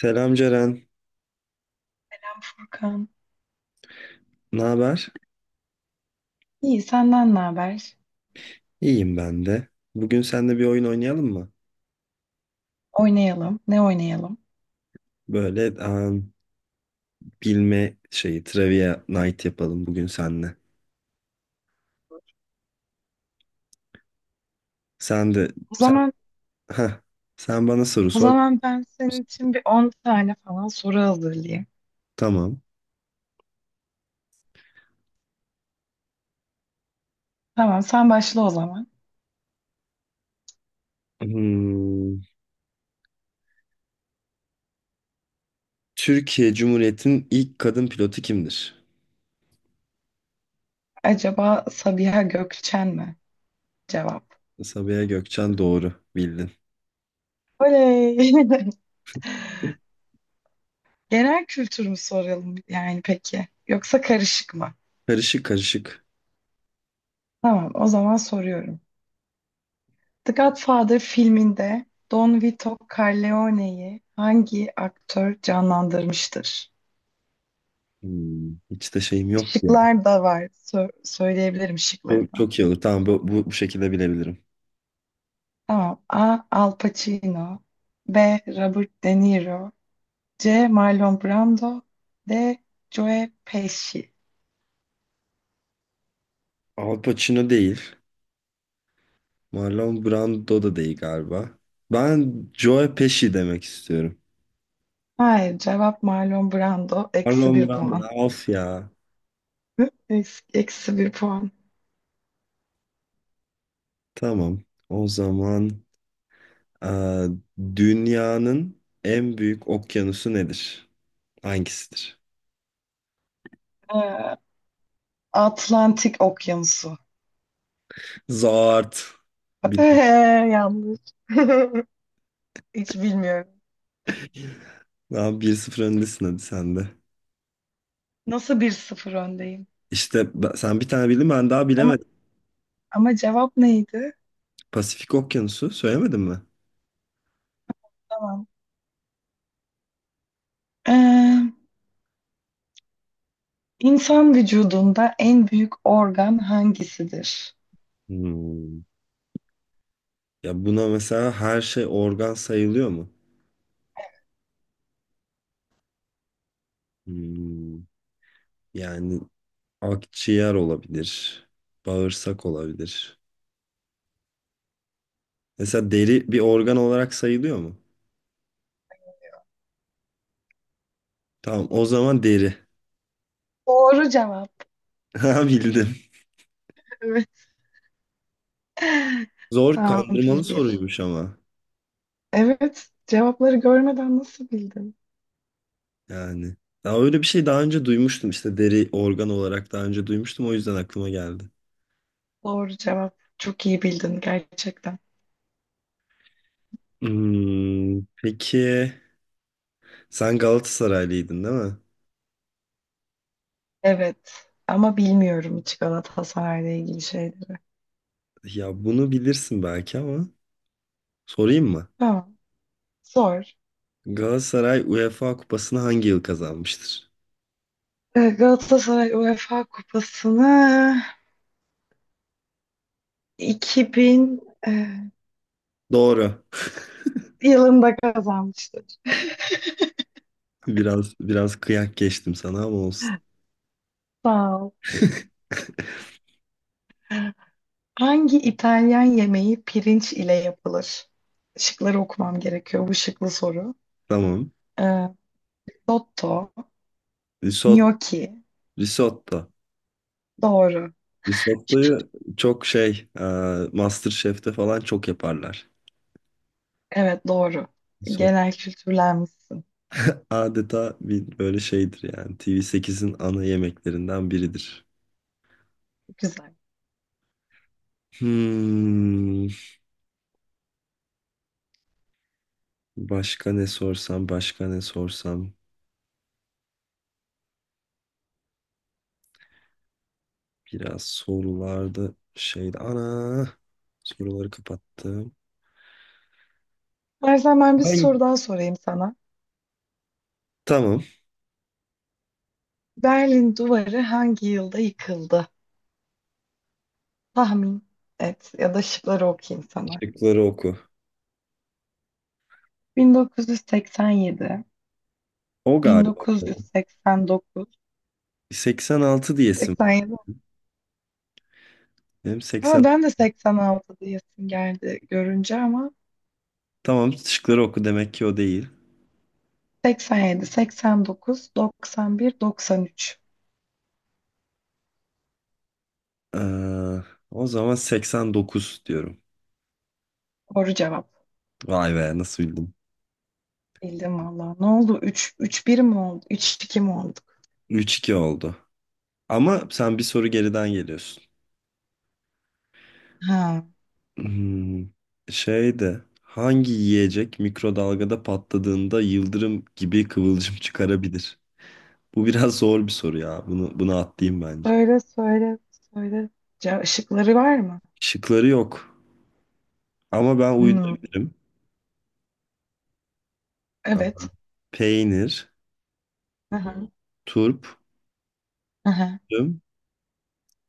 Selam Ceren, Hakan. ne haber? İyi senden ne haber? İyiyim ben de. Bugün seninle bir oyun oynayalım mı? Oynayalım. Ne oynayalım? Böyle bilme şeyi, trivia night yapalım bugün seninle. Sen de, O sen, zaman heh, sen bana soru o sor. zaman ben senin için bir 10 tane falan soru hazırlayayım. Tamam. Tamam sen başla o zaman. Hmm, Türkiye Cumhuriyeti'nin ilk kadın pilotu kimdir? Acaba Sabiha Gökçen mi? Cevap. Sabiha Gökçen doğru, bildin. Oley. Genel kültür mü soralım yani peki? Yoksa karışık mı? Karışık karışık. Tamam o zaman soruyorum. The Godfather filminde Don Vito Corleone'yi hangi aktör canlandırmıştır? Hiç de şeyim yok ya. Şıklar da var. Söyleyebilirim şıkları Çok, da. çok iyi olur. Tamam bu şekilde bilebilirim. Tamam. A. Al Pacino. B. Robert De Niro. C. Marlon Brando. D. Joe Pesci. Al Pacino değil. Marlon Brando da değil galiba. Ben Joe Pesci demek istiyorum. Hayır, cevap Marlon Brando. Eksi Marlon bir Brando. puan. Of ya. Eksi bir puan. Tamam. O zaman eee, dünyanın en büyük okyanusu nedir? Hangisidir? Ee, Atlantik Okyanusu. Zart. Bilmem. Yanlış. Hiç bilmiyorum. Daha bir sıfır öndesin, hadi sen de. Nasıl 1-0 öndeyim? İşte sen bir tane bildin, ben daha Ama bilemedim. ama cevap neydi? Pasifik Okyanusu söylemedin mi? Tamam. Ee, İnsan vücudunda en büyük organ hangisidir? Hmm. Ya buna mesela her şey organ sayılıyor mu? Hmm. Yani akciğer olabilir. Bağırsak olabilir. Mesela deri bir organ olarak sayılıyor mu? Tamam, o zaman deri. Doğru cevap. Ha, bildim. Evet, Zor tamam kandırmalı 1-1. soruymuş ama. Evet, cevapları görmeden nasıl bildin? Yani. Ya öyle bir şey daha önce duymuştum, işte deri organ olarak daha önce duymuştum, o yüzden aklıma geldi. Doğru cevap. Çok iyi bildin gerçekten. Peki sen Galatasaraylıydın değil mi? Evet, ama bilmiyorum hiç Galatasaray'la ilgili şeyleri. Ya bunu bilirsin belki ama sorayım mı? Tamam, sor. Galatasaray UEFA Kupası'nı hangi yıl kazanmıştır? Galatasaray UEFA Kupası'nı 2000 e, Doğru. yılında kazanmıştır. Biraz biraz kıyak geçtim sana ama olsun. Sağ ol. Hangi İtalyan yemeği pirinç ile yapılır? Şıkları okumam gerekiyor. Bu şıklı soru. Tamam. Ee, dotto, Risot, gnocchi. risotto. Doğru. Risottoyu çok MasterChef'te falan çok yaparlar. Evet doğru. Risotto Genel kültürlenmişsin. adeta bir böyle şeydir yani. TV8'in ana yemeklerinden biridir. Güzel. Hmm, Başka ne sorsam, başka ne sorsam. Biraz sorularda şeydi. Ana! Soruları kapattım. İstersen ben bir Hangi? soru daha sorayım sana. Tamam. Berlin Duvarı hangi yılda yıkıldı? Tahmin et ya da şıkları okuyayım sana. Şıkları oku. 1987, O galiba. 1989, 86 diyesim var. 87. Benim Ha, 80. ben de 86 diyesim geldi görünce ama Tamam, şıkları oku demek ki o değil. 87, 89, 91, 93. Ee, O zaman 89 diyorum. Doğru cevap. Vay be, nasıl bildim. Bildim valla. Ne oldu? 3, 3-1 mi oldu? 3-2 mi olduk? 3-2 oldu. Ama sen bir soru geriden geliyorsun. Ha. Hmm, Şeydi. Hangi yiyecek mikrodalgada patladığında yıldırım gibi kıvılcım çıkarabilir? Bu biraz zor bir soru ya. Bunu atlayayım bence. Söyle, söyle, söyle. Işıkları var mı? Şıkları yok. Ama ben Hmm, uydurabilirim. evet. Peynir, Aha. turp, Aha. üzüm,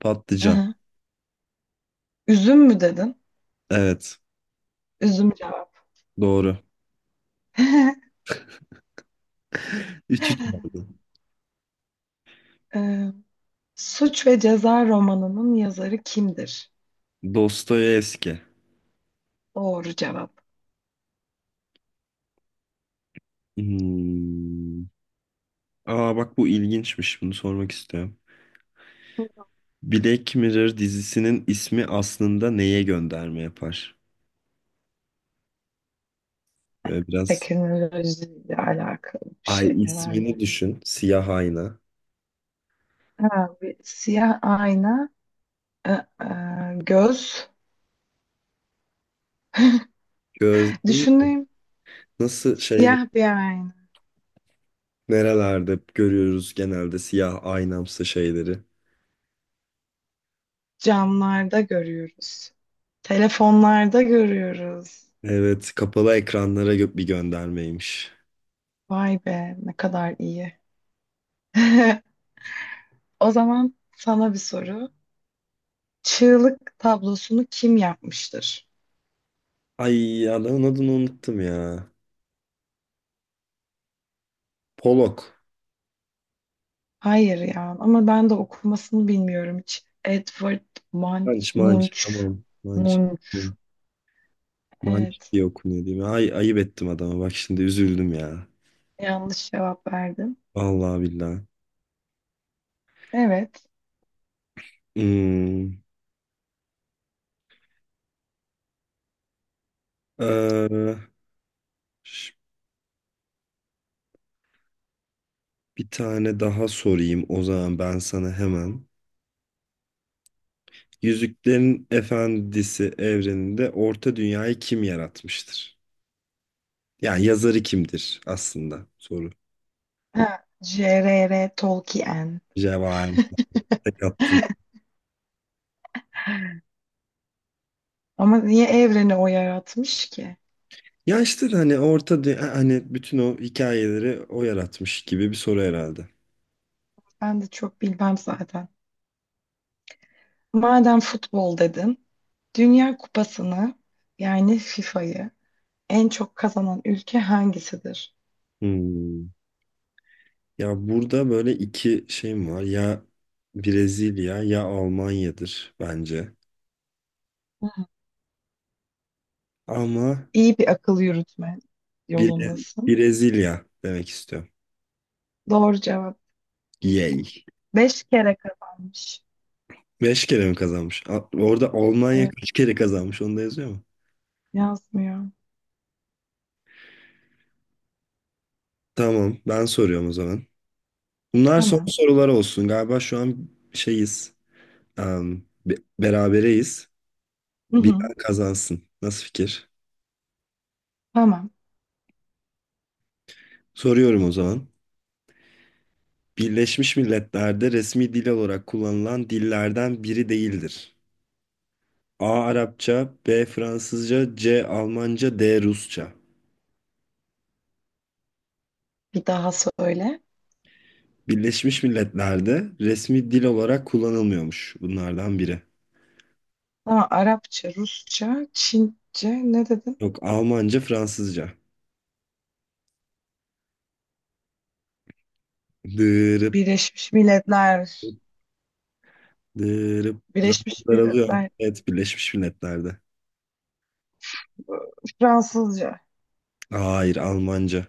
patlıcan. Aha. Üzüm mü dedin? Evet, Üzüm cevap. doğru. 3-3 oldu. Ee, Suç ve Ceza romanının yazarı kimdir? Dostoyevski. Doğru cevap. Hmm. Aa, bak bu ilginçmiş. Bunu sormak istiyorum. Black Mirror dizisinin ismi aslında neye gönderme yapar? Böyle biraz Teknolojiyle alakalı bir ay, şey herhalde. ismini düşün. Siyah ayna. Ha, bir siyah ayna. Ee, e, Göz. Gözlüğü Düşüneyim. nasıl Siyah bir ayna. nerelerde görüyoruz genelde siyah aynamsı şeyleri. Camlarda görüyoruz. Telefonlarda görüyoruz. Evet, kapalı ekranlara bir göndermeymiş. Vay be ne kadar iyi. O zaman sana bir soru. Çığlık tablosunu kim yapmıştır? Ay, adamın adını unuttum ya. Polok. Hayır ya ama ben de okumasını bilmiyorum hiç. Edward Munch, Manç manç, Munch, tamam. Manç. Munch. Malik Evet diye okunuyor değil mi? Ay, ayıp ettim adama. Bak şimdi üzüldüm ya. yanlış cevap verdim. Vallahi billahi. Evet. Hmm. Ee, ş- Bir tane daha sorayım o zaman ben sana hemen. Yüzüklerin Efendisi evreninde Orta Dünya'yı kim yaratmıştır? Yani yazarı kimdir aslında soru. Ha, J.R.R. Tolkien. Cevahir. Tek attın. Ama niye evreni o yaratmış ki? Ya işte hani Orta Dünya, hani bütün o hikayeleri o yaratmış gibi bir soru herhalde. Ben de çok bilmem zaten. Madem futbol dedin, Dünya Kupası'nı yani FIFA'yı en çok kazanan ülke hangisidir? Hmm. Ya burada böyle iki şeyim var. Ya Brezilya ya Almanya'dır bence. Hı. Ama İyi bir akıl yürütme yolundasın. Brezilya demek istiyorum. Doğru cevap. Yay. 5 kere kazanmış. Beş kere mi kazanmış? Orada Almanya Evet, kaç kere kazanmış? Onu da yazıyor mu? yazmıyor. Tamam, ben soruyorum o zaman. Bunlar son Tamam. sorular olsun. Galiba şu an şeyiz. Berabereyiz. Hı Bilen hı. kazansın. Nasıl fikir? Tamam. Soruyorum o zaman. Birleşmiş Milletler'de resmi dil olarak kullanılan dillerden biri değildir. A. Arapça, B. Fransızca, C. Almanca, D. Rusça. Bir daha söyle. Birleşmiş Milletler'de resmi dil olarak kullanılmıyormuş bunlardan biri. Tamam, Arapça, Rusça, Çince ne dedim? Yok, Almanca, Fransızca. Dırıp Birleşmiş Milletler. dırıp zaman Birleşmiş daralıyor. Milletler. Evet, Birleşmiş Milletler'de. Fransızca. Hayır, Almanca.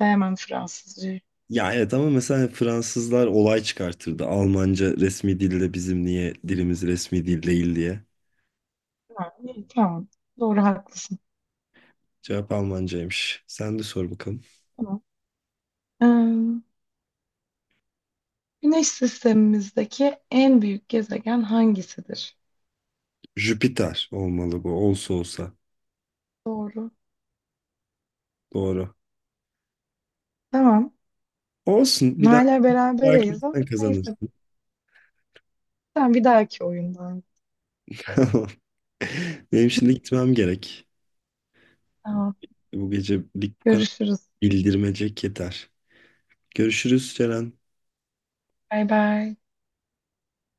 Sevmem Fransızcayı. Ya evet, ama mesela Fransızlar olay çıkartırdı. Almanca resmi dilde, bizim niye dilimiz resmi dil değil diye. Ha, iyi, tamam. Doğru haklısın. Cevap Almancaymış. Sen de sor bakalım. Tamam. Ee, Güneş sistemimizdeki en büyük gezegen hangisidir? Jüpiter olmalı, bu olsa olsa. Doğru. Doğru. Tamam. Olsun. Bir daha Hala berabereyiz ama sen kazanırsın. neyse. Sen bir dahaki oyundan. Tamam. Benim şimdi gitmem gerek. Tamam. Bu gecelik bu kadar Görüşürüz. bildirmecek yeter. Görüşürüz, Ceren. Bay bay.